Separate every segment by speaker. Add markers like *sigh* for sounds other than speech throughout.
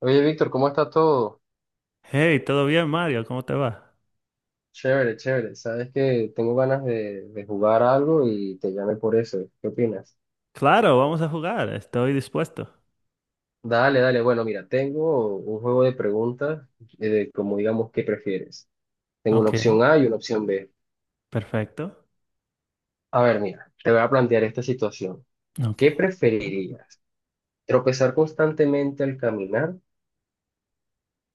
Speaker 1: Oye, Víctor, ¿cómo está todo?
Speaker 2: Hey, ¿todo bien, Mario? ¿Cómo te va?
Speaker 1: Chévere, chévere. Sabes que tengo ganas de jugar algo y te llamé por eso. ¿Qué opinas?
Speaker 2: Claro, vamos a jugar. Estoy dispuesto.
Speaker 1: Dale, dale. Bueno, mira, tengo un juego de preguntas de como digamos, ¿qué prefieres? Tengo una
Speaker 2: Ok,
Speaker 1: opción A y una opción B.
Speaker 2: perfecto.
Speaker 1: A ver, mira, te voy a plantear esta situación.
Speaker 2: Ok.
Speaker 1: ¿Qué preferirías? ¿Tropezar constantemente al caminar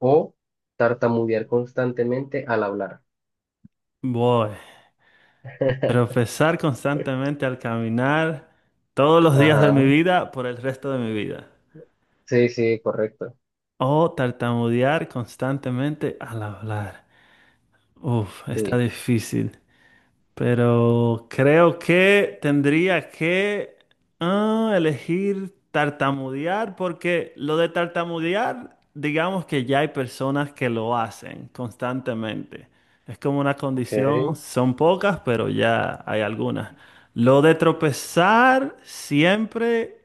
Speaker 1: o tartamudear constantemente al hablar?
Speaker 2: Voy.
Speaker 1: *laughs*
Speaker 2: Tropezar constantemente al caminar todos los días de mi
Speaker 1: Ajá.
Speaker 2: vida por el resto de mi vida.
Speaker 1: Sí, sí, correcto.
Speaker 2: O tartamudear constantemente al hablar. Uf, está
Speaker 1: Sí.
Speaker 2: difícil. Pero creo que tendría que elegir tartamudear, porque lo de tartamudear, digamos que ya hay personas que lo hacen constantemente. Es como una
Speaker 1: Ok.
Speaker 2: condición, son pocas, pero ya hay algunas. Lo de tropezar siempre,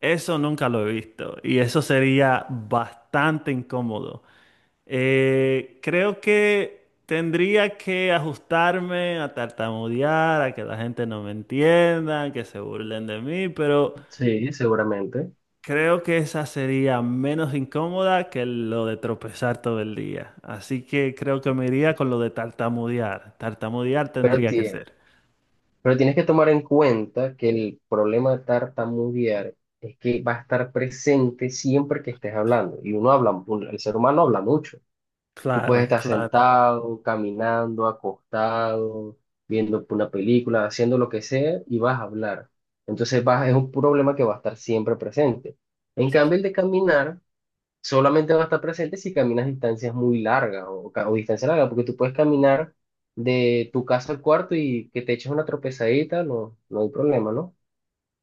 Speaker 2: eso nunca lo he visto y eso sería bastante incómodo. Creo que tendría que ajustarme a tartamudear, a que la gente no me entienda, que se burlen de mí, pero
Speaker 1: Sí, seguramente.
Speaker 2: creo que esa sería menos incómoda que lo de tropezar todo el día. Así que creo que me iría con lo de tartamudear. Tartamudear
Speaker 1: Pero,
Speaker 2: tendría que
Speaker 1: ti-
Speaker 2: ser.
Speaker 1: pero tienes que tomar en cuenta que el problema de tartamudear es que va a estar presente siempre que estés hablando. Y uno habla, el ser humano habla mucho. Tú puedes
Speaker 2: Claro,
Speaker 1: estar
Speaker 2: claro.
Speaker 1: sentado, caminando, acostado, viendo una película, haciendo lo que sea y vas a hablar. Entonces vas, es un problema que va a estar siempre presente. En cambio, el de caminar solamente va a estar presente si caminas distancias muy largas o, o distancia larga, porque tú puedes caminar de tu casa al cuarto y que te eches una tropezadita, no, no hay problema, ¿no?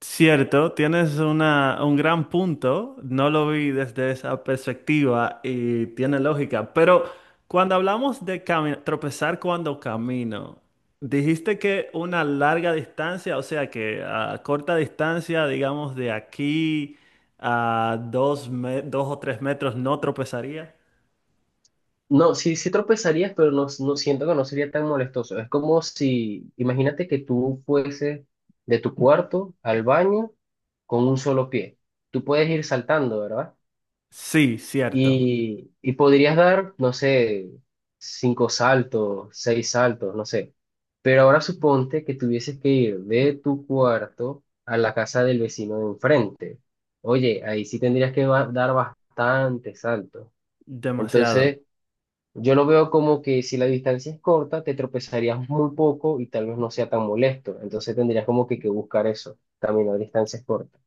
Speaker 2: Cierto, tienes una, un gran punto, no lo vi desde esa perspectiva y tiene lógica, pero cuando hablamos de tropezar cuando camino, dijiste que una larga distancia, o sea que a corta distancia, digamos de aquí a dos, 2 o 3 metros, no tropezaría.
Speaker 1: No, sí, sí tropezarías, pero no, no siento que no sería tan molestoso. Es como si, imagínate que tú fueses de tu cuarto al baño con un solo pie. Tú puedes ir saltando, ¿verdad?
Speaker 2: Sí, cierto,
Speaker 1: Y podrías dar, no sé, cinco saltos, seis saltos, no sé. Pero ahora suponte que tuvieses que ir de tu cuarto a la casa del vecino de enfrente. Oye, ahí sí tendrías que dar bastantes saltos.
Speaker 2: demasiado.
Speaker 1: Entonces, yo lo veo como que si la distancia es corta, te tropezarías muy poco y tal vez no sea tan molesto. Entonces tendrías como que buscar eso, caminar distancias cortas.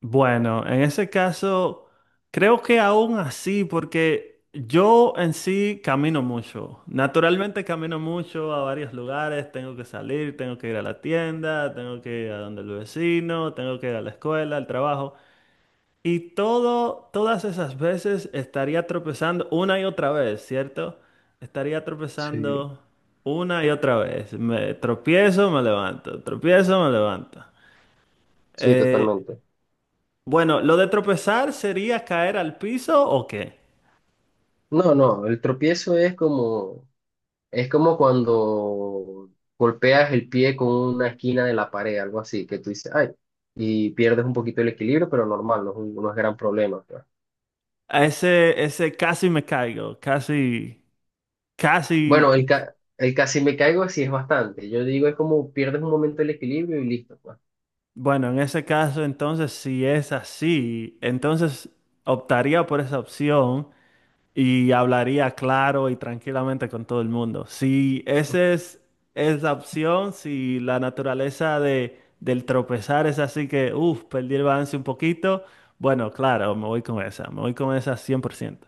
Speaker 2: Bueno, en ese caso, creo que aún así, porque yo en sí camino mucho. Naturalmente camino mucho a varios lugares, tengo que salir, tengo que ir a la tienda, tengo que ir a donde el vecino, tengo que ir a la escuela, al trabajo. Y todo, todas esas veces estaría tropezando una y otra vez, ¿cierto? Estaría
Speaker 1: Sí.
Speaker 2: tropezando una y otra vez. Me tropiezo, me levanto, tropiezo, me levanto.
Speaker 1: Sí,
Speaker 2: Eh,
Speaker 1: totalmente.
Speaker 2: bueno, ¿lo de tropezar sería caer al piso o qué?
Speaker 1: No, no, el tropiezo es como… Es como cuando golpeas el pie con una esquina de la pared, algo así, que tú dices, ay, y pierdes un poquito el equilibrio, pero normal, no es, no es gran problema, pues.
Speaker 2: A ese, ese casi me caigo, casi, casi,
Speaker 1: Bueno, el casi me caigo sí es bastante. Yo digo, es como pierdes un momento el equilibrio y listo, pues.
Speaker 2: bueno, en ese caso entonces si es así, entonces optaría por esa opción y hablaría claro y tranquilamente con todo el mundo. Si esa es la opción, si la naturaleza de, del tropezar es así que, uff, perdí el balance un poquito, bueno, claro, me voy con esa, me voy con esa 100%.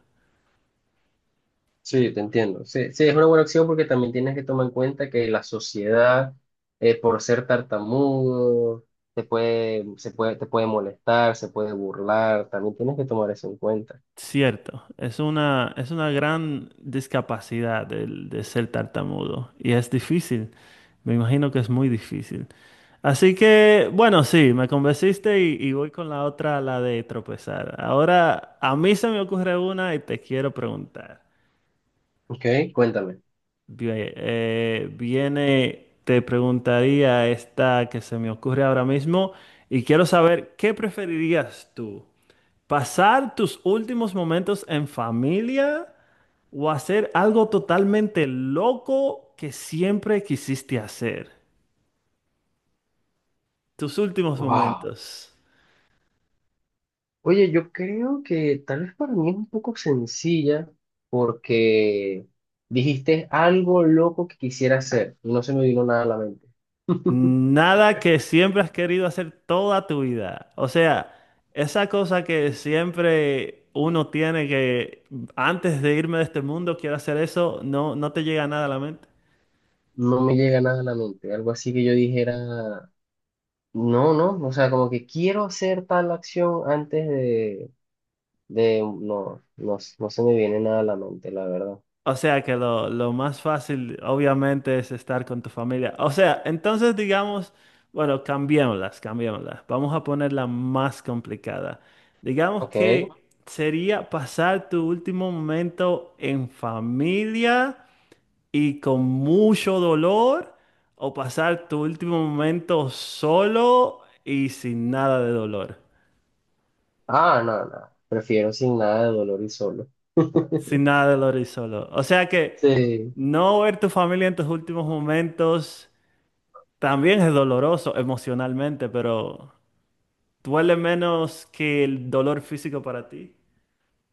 Speaker 1: Sí, te entiendo. Sí, sí, es una buena opción porque también tienes que tomar en cuenta que la sociedad, por ser tartamudo, te puede, se puede, te puede molestar, se puede burlar, también tienes que tomar eso en cuenta.
Speaker 2: Cierto, es una gran discapacidad el de ser tartamudo y es difícil, me imagino que es muy difícil. Así que, bueno, sí, me convenciste y voy con la otra, la de tropezar. Ahora, a mí se me ocurre una y te quiero preguntar.
Speaker 1: Ok, cuéntame.
Speaker 2: Te preguntaría esta que se me ocurre ahora mismo y quiero saber, ¿qué preferirías tú? Pasar tus últimos momentos en familia o hacer algo totalmente loco que siempre quisiste hacer. Tus últimos
Speaker 1: Wow.
Speaker 2: momentos.
Speaker 1: Oye, yo creo que tal vez para mí es un poco sencilla porque dijiste algo loco que quisiera hacer. No se me vino nada a la mente.
Speaker 2: Nada que siempre has querido hacer toda tu vida. O sea, esa cosa que siempre uno tiene que antes de irme de este mundo quiero hacer eso, no, no te llega nada a la mente.
Speaker 1: No me llega nada a la mente. Algo así que yo dijera, no, no. O sea, como que quiero hacer tal acción antes no, no, no se me viene nada a la mente, la verdad.
Speaker 2: O sea que lo más fácil obviamente es estar con tu familia. O sea, entonces digamos, bueno, cambiémoslas, cambiémoslas. Vamos a ponerla más complicada. Digamos
Speaker 1: Ok.
Speaker 2: que sería pasar tu último momento en familia y con mucho dolor, o pasar tu último momento solo y sin nada de dolor.
Speaker 1: Ah, no, no. Prefiero sin nada de dolor y solo.
Speaker 2: Sin nada de dolor y solo. O sea que
Speaker 1: Sí.
Speaker 2: no ver tu familia en tus últimos momentos. También es doloroso emocionalmente, pero duele menos que el dolor físico para ti.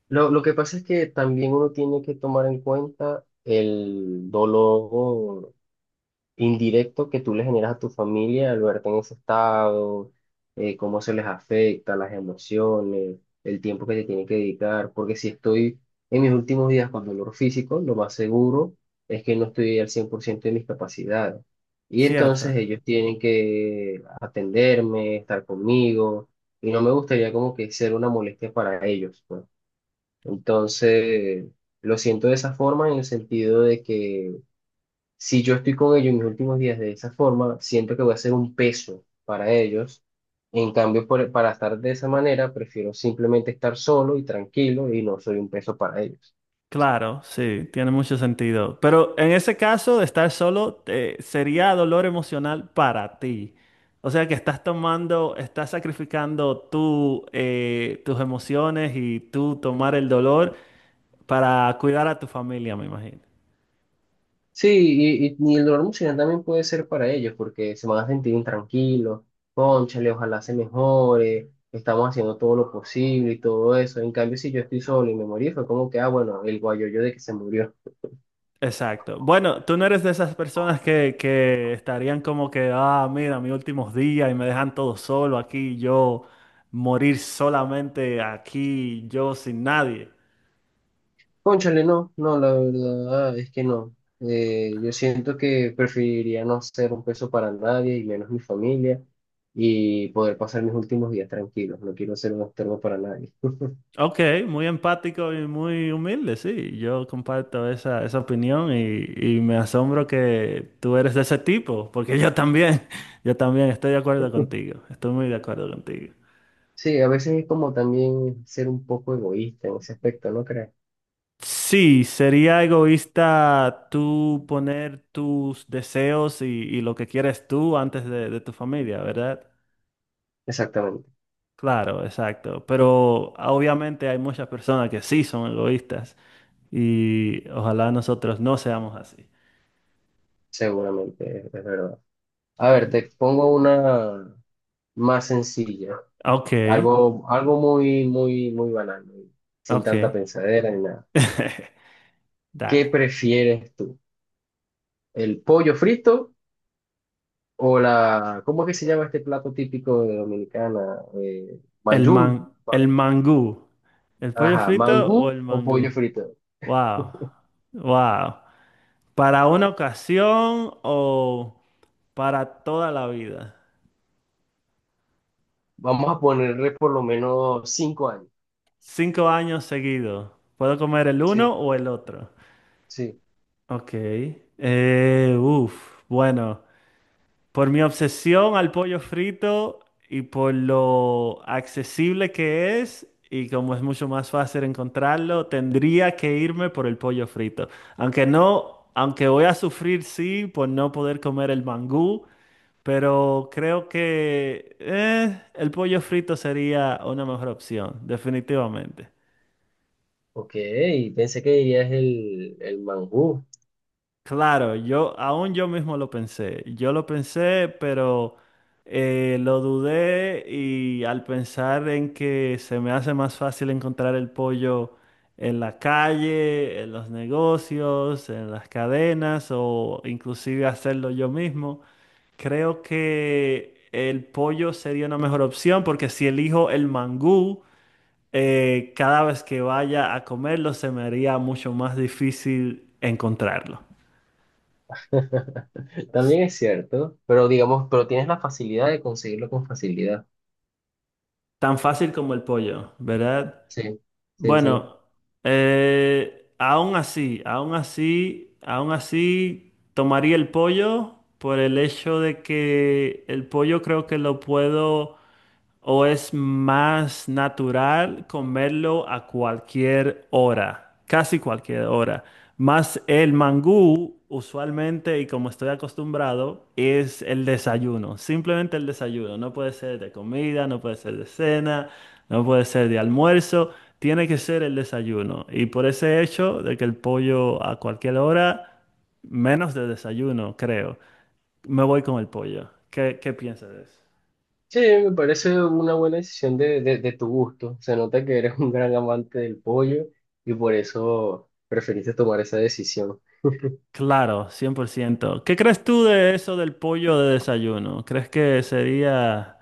Speaker 1: Lo que pasa es que también uno tiene que tomar en cuenta el dolor indirecto que tú le generas a tu familia al verte en ese estado, cómo se les afecta, las emociones, el tiempo que te tienen que dedicar, porque si estoy en mis últimos días con dolor físico, lo más seguro es que no estoy al 100% de mis capacidades. Y
Speaker 2: Cierto.
Speaker 1: entonces ellos tienen que atenderme, estar conmigo, y no me gustaría como que ser una molestia para ellos, pues. Entonces, lo siento de esa forma en el sentido de que si yo estoy con ellos en mis últimos días de esa forma, siento que voy a ser un peso para ellos. En cambio, para estar de esa manera, prefiero simplemente estar solo y tranquilo y no soy un peso para ellos.
Speaker 2: Claro, sí, tiene mucho sentido. Pero en ese caso de estar solo, sería dolor emocional para ti. O sea que estás tomando, estás sacrificando tú, tus emociones y tú tomar el dolor para cuidar a tu familia, me imagino.
Speaker 1: Sí, y el dolor emocional también puede ser para ellos porque se van a sentir intranquilos, cónchale, ojalá se mejore, estamos haciendo todo lo posible y todo eso. En cambio, si yo estoy solo y me morí, fue como que, ah, bueno, el guayoyo de que se murió.
Speaker 2: Exacto. Bueno, tú no eres de esas personas que estarían como que, ah, mira, mis últimos días y me dejan todo solo aquí, yo morir solamente aquí, yo sin nadie.
Speaker 1: Cónchale, no, no, la verdad es que no. Yo siento que preferiría no ser un peso para nadie y menos mi familia y poder pasar mis últimos días tranquilos. No quiero ser un estorbo para nadie.
Speaker 2: Ok, muy empático y muy humilde, sí. Yo comparto esa, esa opinión y me asombro que tú eres de ese tipo, porque yo también, *laughs* yo también estoy de acuerdo
Speaker 1: *laughs*
Speaker 2: contigo, estoy muy de acuerdo contigo.
Speaker 1: Sí, a veces es como también ser un poco egoísta en ese aspecto, ¿no crees?
Speaker 2: Sí, sería egoísta tú poner tus deseos y lo que quieres tú antes de tu familia, ¿verdad?
Speaker 1: Exactamente,
Speaker 2: Claro, exacto. Pero obviamente hay muchas personas que sí son egoístas y ojalá nosotros no seamos así.
Speaker 1: seguramente, es verdad. A ver, te
Speaker 2: Mm.
Speaker 1: pongo una más sencilla,
Speaker 2: Ok,
Speaker 1: algo, algo muy, muy, muy banal, muy- sin tanta
Speaker 2: ok.
Speaker 1: pensadera ni nada.
Speaker 2: *laughs*
Speaker 1: ¿Qué
Speaker 2: Dale.
Speaker 1: prefieres tú? ¿El pollo frito? O la, ¿cómo es que se llama este plato típico de Dominicana?
Speaker 2: El
Speaker 1: Mayún. Ma-
Speaker 2: el mangú. ¿El pollo
Speaker 1: Ajá,
Speaker 2: frito o
Speaker 1: mangú
Speaker 2: el
Speaker 1: o pollo
Speaker 2: mangú?
Speaker 1: frito.
Speaker 2: Wow, wow. ¿Para una ocasión o para toda la vida?
Speaker 1: Vamos a ponerle por lo menos 5 años.
Speaker 2: 5 años seguidos. ¿Puedo comer el
Speaker 1: Sí,
Speaker 2: uno o el otro?
Speaker 1: sí.
Speaker 2: Ok. Uf, bueno, por mi obsesión al pollo frito y por lo accesible que es, y como es mucho más fácil encontrarlo, tendría que irme por el pollo frito. Aunque no, aunque voy a sufrir, sí, por no poder comer el mangú, pero creo que el pollo frito sería una mejor opción, definitivamente.
Speaker 1: Ok, pensé que dirías el mangú.
Speaker 2: Claro, yo aún yo mismo lo pensé. Yo lo pensé, pero lo dudé, y al pensar en que se me hace más fácil encontrar el pollo en la calle, en los negocios, en las cadenas, o inclusive hacerlo yo mismo, creo que el pollo sería una mejor opción porque si elijo el mangú, cada vez que vaya a comerlo se me haría mucho más difícil encontrarlo.
Speaker 1: *laughs* También es cierto, pero digamos, pero tienes la facilidad de conseguirlo con facilidad.
Speaker 2: Tan fácil como el pollo, ¿verdad?
Speaker 1: Sí, sí, sí.
Speaker 2: Bueno, aún así, aún así, aún así, tomaría el pollo por el hecho de que el pollo creo que lo puedo, ¿o es más natural comerlo a cualquier hora? Casi cualquier hora. Más el mangú, usualmente, y como estoy acostumbrado, es el desayuno. Simplemente el desayuno. No puede ser de comida, no puede ser de cena, no puede ser de almuerzo. Tiene que ser el desayuno. Y por ese hecho de que el pollo a cualquier hora, menos de desayuno, creo. Me voy con el pollo. ¿Qué, qué piensas de eso?
Speaker 1: Sí, me parece una buena decisión de tu gusto. Se nota que eres un gran amante del pollo y por eso preferiste tomar esa decisión.
Speaker 2: Claro, 100%. ¿Qué crees tú de eso del pollo de desayuno? ¿Crees que sería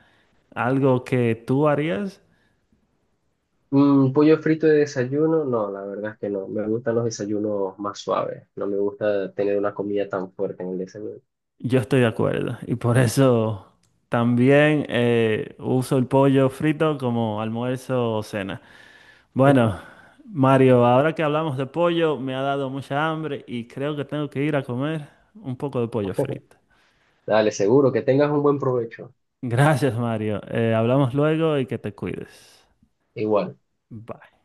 Speaker 2: algo que tú harías?
Speaker 1: Mm, pollo frito de desayuno, no, la verdad es que no. Me gustan los desayunos más suaves. No me gusta tener una comida tan fuerte en el desayuno.
Speaker 2: Yo estoy de acuerdo y por eso también uso el pollo frito como almuerzo o cena. Bueno,
Speaker 1: *laughs*
Speaker 2: Mario, ahora que hablamos de pollo, me ha dado mucha hambre y creo que tengo que ir a comer un poco de pollo frito.
Speaker 1: Dale, seguro que tengas un buen provecho.
Speaker 2: Gracias, Mario. Hablamos luego y que te cuides.
Speaker 1: Igual.
Speaker 2: Bye.